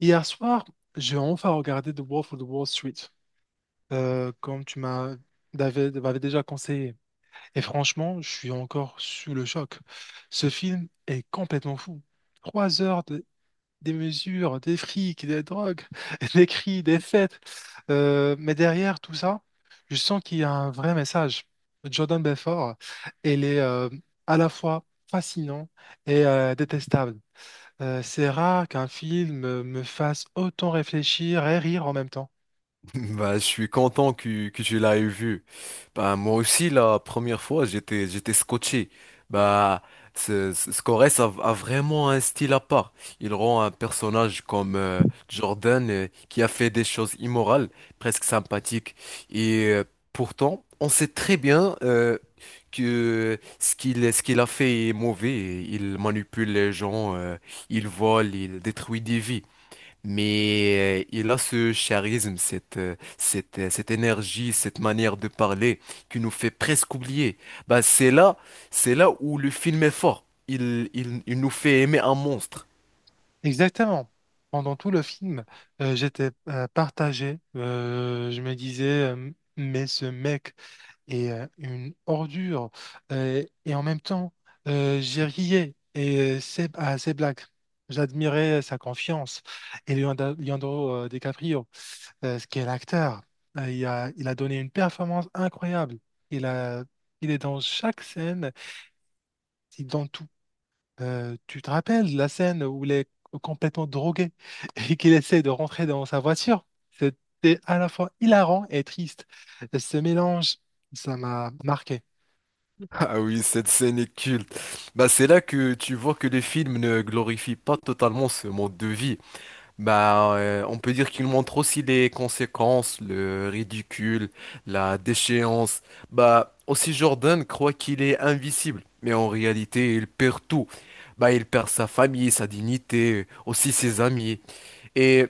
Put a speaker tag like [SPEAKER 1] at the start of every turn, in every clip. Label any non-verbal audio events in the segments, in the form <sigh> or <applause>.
[SPEAKER 1] Hier soir, j'ai enfin regardé The Wolf of Wall Street, comme tu m'as m'avais déjà conseillé. Et franchement, je suis encore sous le choc. Ce film est complètement fou. Trois heures de, des mesures, des frics, des drogues, <laughs> des cris, des fêtes. Mais derrière tout ça, je sens qu'il y a un vrai message. Jordan Belfort, elle est à la fois fascinant et détestable. C'est rare qu'un film me fasse autant réfléchir et rire en même temps.
[SPEAKER 2] Bah, je suis content que tu l'aies vu. Bah, moi aussi, la première fois, j'étais scotché. Bah, Scores a vraiment un style à part. Il rend un personnage comme Jordan qui a fait des choses immorales, presque sympathiques. Et pourtant, on sait très bien que ce qu'il a fait est mauvais. Il manipule les gens, il vole, il détruit des vies. Mais il a ce charisme, cette énergie, cette manière de parler qui nous fait presque oublier. Bah, c'est là où le film est fort. Il nous fait aimer un monstre. <laughs>
[SPEAKER 1] Exactement. Pendant tout le film, j'étais partagé. Je me disais, euh, mais ce mec est une ordure. Et en même temps, j'ai riais à ses blagues. J'admirais sa confiance. Et Leonardo DiCaprio, ce qui est l'acteur, il a donné une performance incroyable. Il a, il est dans chaque scène. C'est dans tout. Tu te rappelles la scène où il est complètement drogué <laughs> et qu'il essaie de rentrer dans sa voiture? C'était à la fois hilarant et triste. Ce mélange, ça m'a marqué.
[SPEAKER 2] Ah oui, cette scène est culte. Bah, c'est là que tu vois que le film ne glorifie pas totalement ce mode de vie. Bah, on peut dire qu'il montre aussi les conséquences, le ridicule, la déchéance. Bah, aussi Jordan croit qu'il est invisible, mais en réalité, il perd tout. Bah, il perd sa famille, sa dignité, aussi ses amis. Et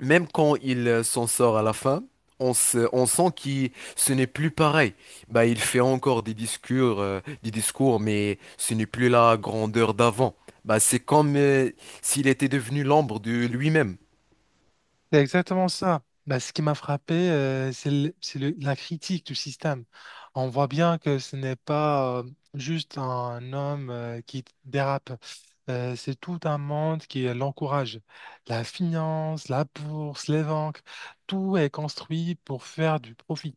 [SPEAKER 2] même quand il s'en sort à la fin, on sent qu'il, ce n'est plus pareil. Bah, il fait encore des discours, mais ce n'est plus la grandeur d'avant. Bah, c'est comme, s'il était devenu l'ombre de lui-même.
[SPEAKER 1] C'est exactement ça. Bah, ce qui m'a frappé, c'est la critique du système. On voit bien que ce n'est pas juste un homme qui dérape. C'est tout un monde qui l'encourage. La finance, la bourse, les banques, tout est construit pour faire du profit,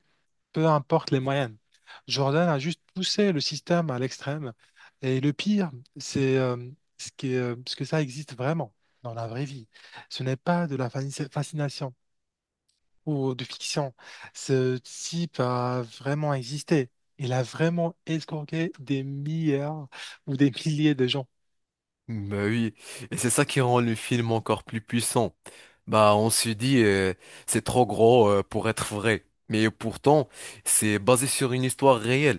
[SPEAKER 1] peu importe les moyens. Jordan a juste poussé le système à l'extrême. Et le pire, c'est ce qui est, ce que ça existe vraiment dans la vraie vie. Ce n'est pas de la fascination ou de fiction. Ce type a vraiment existé. Il a vraiment escroqué des milliards ou des milliers de gens.
[SPEAKER 2] Bah oui, et c'est ça qui rend le film encore plus puissant. Bah on se dit c'est trop gros pour être vrai, mais pourtant c'est basé sur une histoire réelle.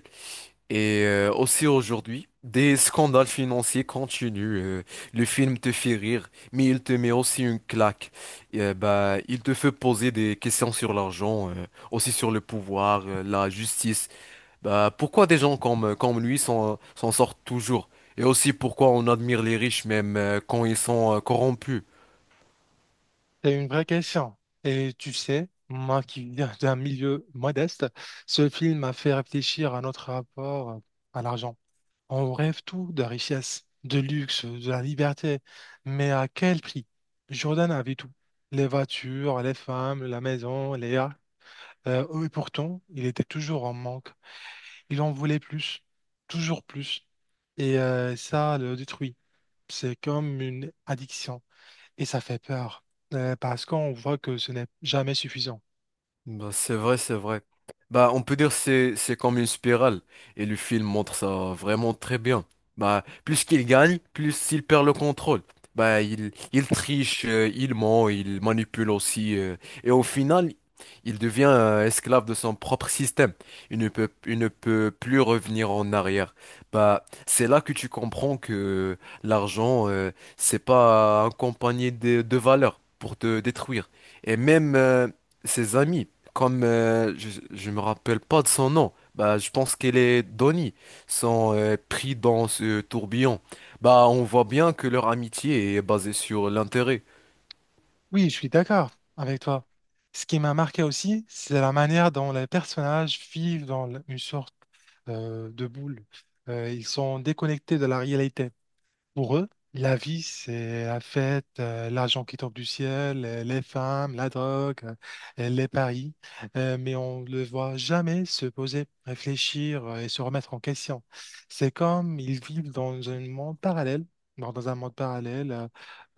[SPEAKER 2] Et aussi aujourd'hui, des scandales financiers continuent. Le film te fait rire, mais il te met aussi une claque. Et, bah il te fait poser des questions sur l'argent, aussi sur le pouvoir, la justice bah, pourquoi des gens comme lui s'en sortent toujours? Et aussi pourquoi on admire les riches même quand ils sont corrompus?
[SPEAKER 1] C'est une vraie question. Et tu sais, moi qui viens d'un milieu modeste, ce film m'a fait réfléchir à notre rapport à l'argent. On rêve tout de richesse, de luxe, de la liberté, mais à quel prix? Jordan avait tout. Les voitures, les femmes, la maison, les yachts. Et pourtant, il était toujours en manque. Il en voulait plus, toujours plus. Et ça le détruit. C'est comme une addiction. Et ça fait peur, parce qu'on voit que ce n'est jamais suffisant.
[SPEAKER 2] Bah, c'est vrai. Bah, on peut dire que c'est comme une spirale et le film montre ça vraiment très bien. Bah, plus qu'il gagne, plus il perd le contrôle. Bah, il triche, il ment, il manipule aussi et au final, il devient esclave de son propre système. Il ne peut plus revenir en arrière. Bah, c'est là que tu comprends que l'argent c'est pas accompagné de valeurs pour te détruire et même ses amis. Comme je me rappelle pas de son nom, bah je pense qu'elle est Donnie, sont pris dans ce tourbillon. Bah on voit bien que leur amitié est basée sur l'intérêt.
[SPEAKER 1] Oui, je suis d'accord avec toi. Ce qui m'a marqué aussi, c'est la manière dont les personnages vivent dans une sorte de boule. Ils sont déconnectés de la réalité. Pour eux, la vie, c'est la fête, l'argent qui tombe du ciel, les femmes, la drogue, les paris. Mais on ne le voit jamais se poser, réfléchir et se remettre en question. C'est comme ils vivent dans un monde parallèle, dans un monde parallèle euh,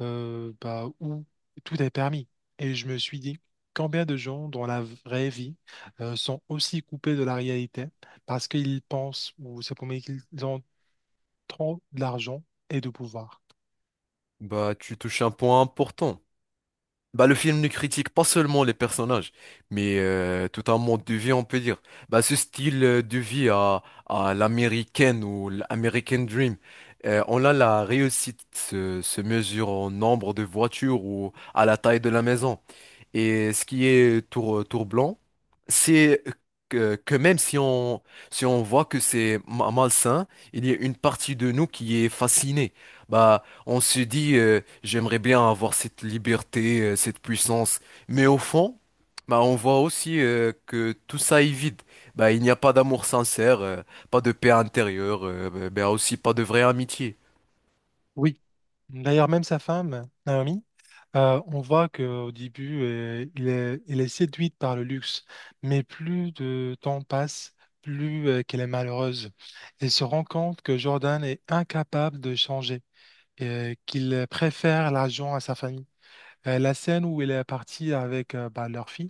[SPEAKER 1] euh, bah, où tout est permis. Et je me suis dit, combien de gens dans la vraie vie sont aussi coupés de la réalité parce qu'ils pensent ou c'est pour qu'ils ont trop d'argent et de pouvoir.
[SPEAKER 2] Bah tu touches un point important. Bah le film ne critique pas seulement les personnages, mais tout un mode de vie on peut dire. Bah ce style de vie à l'américaine ou l'American Dream. On a la réussite se mesure au nombre de voitures ou à la taille de la maison. Et ce qui est tour blanc, c'est que même si on, si on voit que c'est malsain, il y a une partie de nous qui est fascinée. Bah, on se dit, j'aimerais bien avoir cette liberté, cette puissance. Mais au fond, bah, on voit aussi que tout ça est vide. Bah, il n'y a pas d'amour sincère, pas de paix intérieure, bah, aussi pas de vraie amitié.
[SPEAKER 1] Oui, d'ailleurs même sa femme, Naomi, on voit qu'au début, il est séduite par le luxe, mais plus de temps passe, plus qu'elle est malheureuse. Elle se rend compte que Jordan est incapable de changer, et qu'il préfère l'argent à sa famille. La scène où elle est partie avec bah, leur fille,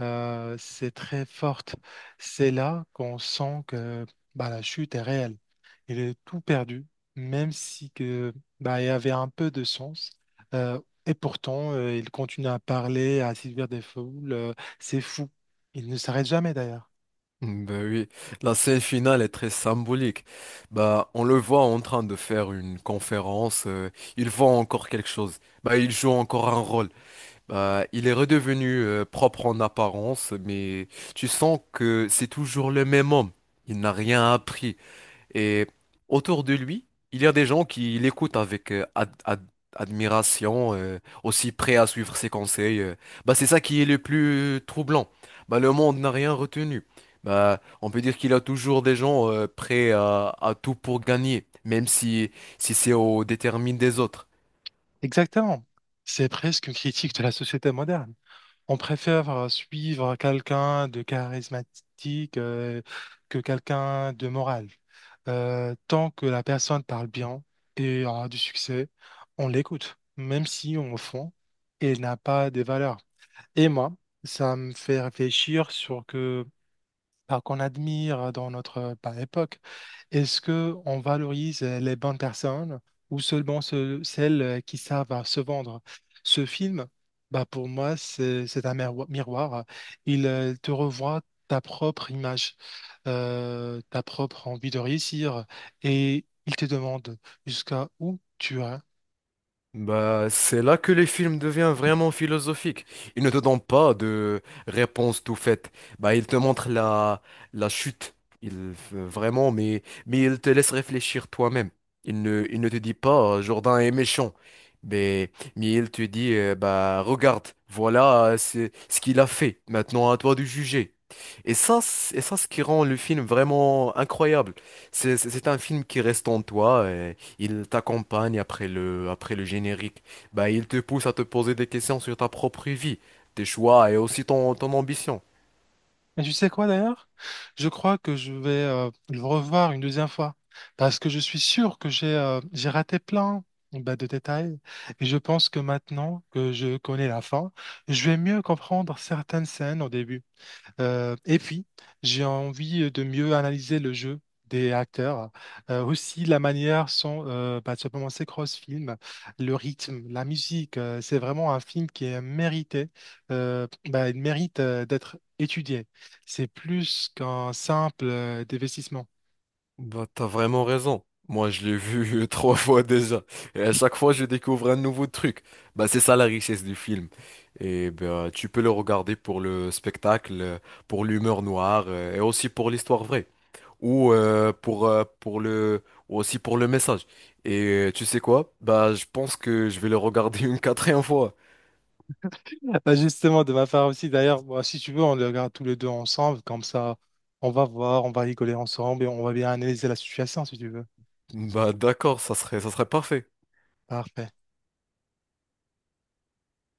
[SPEAKER 1] c'est très forte. C'est là qu'on sent que bah, la chute est réelle. Il est tout perdu, même si que, bah, il avait un peu de sens. Euh, et pourtant, il continue à parler, à séduire des foules. C'est fou. Il ne s'arrête jamais d'ailleurs.
[SPEAKER 2] Ben oui, la scène finale est très symbolique. Bah, on le voit en train de faire une conférence. Il vend encore quelque chose. Bah, il joue encore un rôle. Bah, il est redevenu propre en apparence, mais tu sens que c'est toujours le même homme. Il n'a rien appris. Et autour de lui, il y a des gens qui l'écoutent avec admiration, aussi prêts à suivre ses conseils. Bah, c'est ça qui est le plus troublant. Bah, le monde n'a rien retenu. Bah, on peut dire qu'il a toujours des gens prêts à tout pour gagner, même si c'est au détriment des autres.
[SPEAKER 1] Exactement. C'est presque une critique de la société moderne. On préfère suivre quelqu'un de charismatique que quelqu'un de moral. Tant que la personne parle bien et aura du succès, on l'écoute, même si au fond, elle n'a pas des valeurs. Et moi, ça me fait réfléchir sur que par qu'on admire dans notre par époque. Est-ce que on valorise les bonnes personnes ou seulement celles qui savent se vendre? Ce film, bah pour moi, c'est un miroir. Il te revoit ta propre image, ta propre envie de réussir et il te demande jusqu'à où tu es.
[SPEAKER 2] Bah, c'est là que les films deviennent vraiment philosophiques. Ils ne te donnent pas de réponse tout faite. Bah, ils te montrent la chute. Ils, euh, vraiment, mais, mais ils te laissent réfléchir toi-même. Ils ne te disent pas Jourdain est méchant. Mais ils te disent bah, regarde, voilà c'est ce qu'il a fait. Maintenant, à toi de juger. Et et ça, ce qui rend le film vraiment incroyable. C'est un film qui reste en toi. Il t'accompagne après le générique. Bah, il te pousse à te poser des questions sur ta propre vie, tes choix et aussi ton ambition.
[SPEAKER 1] Et tu sais quoi d'ailleurs? Je crois que je vais le revoir une deuxième fois parce que je suis sûr que j'ai raté plein bah, de détails et je pense que maintenant que je connais la fin, je vais mieux comprendre certaines scènes au début. Et puis, j'ai envie de mieux analyser le jeu des acteurs, aussi la manière sont, bah, simplement ces cross-films, le rythme, la musique. C'est vraiment un film qui est mérité, bah, il mérite d'être étudié. C'est plus qu'un simple investissement.
[SPEAKER 2] Bah, t'as vraiment raison. Moi, je l'ai vu <laughs> trois fois déjà. Et à chaque fois, je découvre un nouveau truc. Bah, c'est ça la richesse du film. Et bah, tu peux le regarder pour le spectacle, pour l'humeur noire et aussi pour l'histoire vraie. Ou ou aussi pour le message. Et tu sais quoi? Bah, je pense que je vais le regarder <laughs> une quatrième fois.
[SPEAKER 1] Bah, justement, de ma part aussi, d'ailleurs, bah, si tu veux, on le regarde tous les deux ensemble, comme ça, on va voir, on va rigoler ensemble et on va bien analyser la situation, si tu veux.
[SPEAKER 2] Bah d'accord, ça serait parfait.
[SPEAKER 1] Parfait.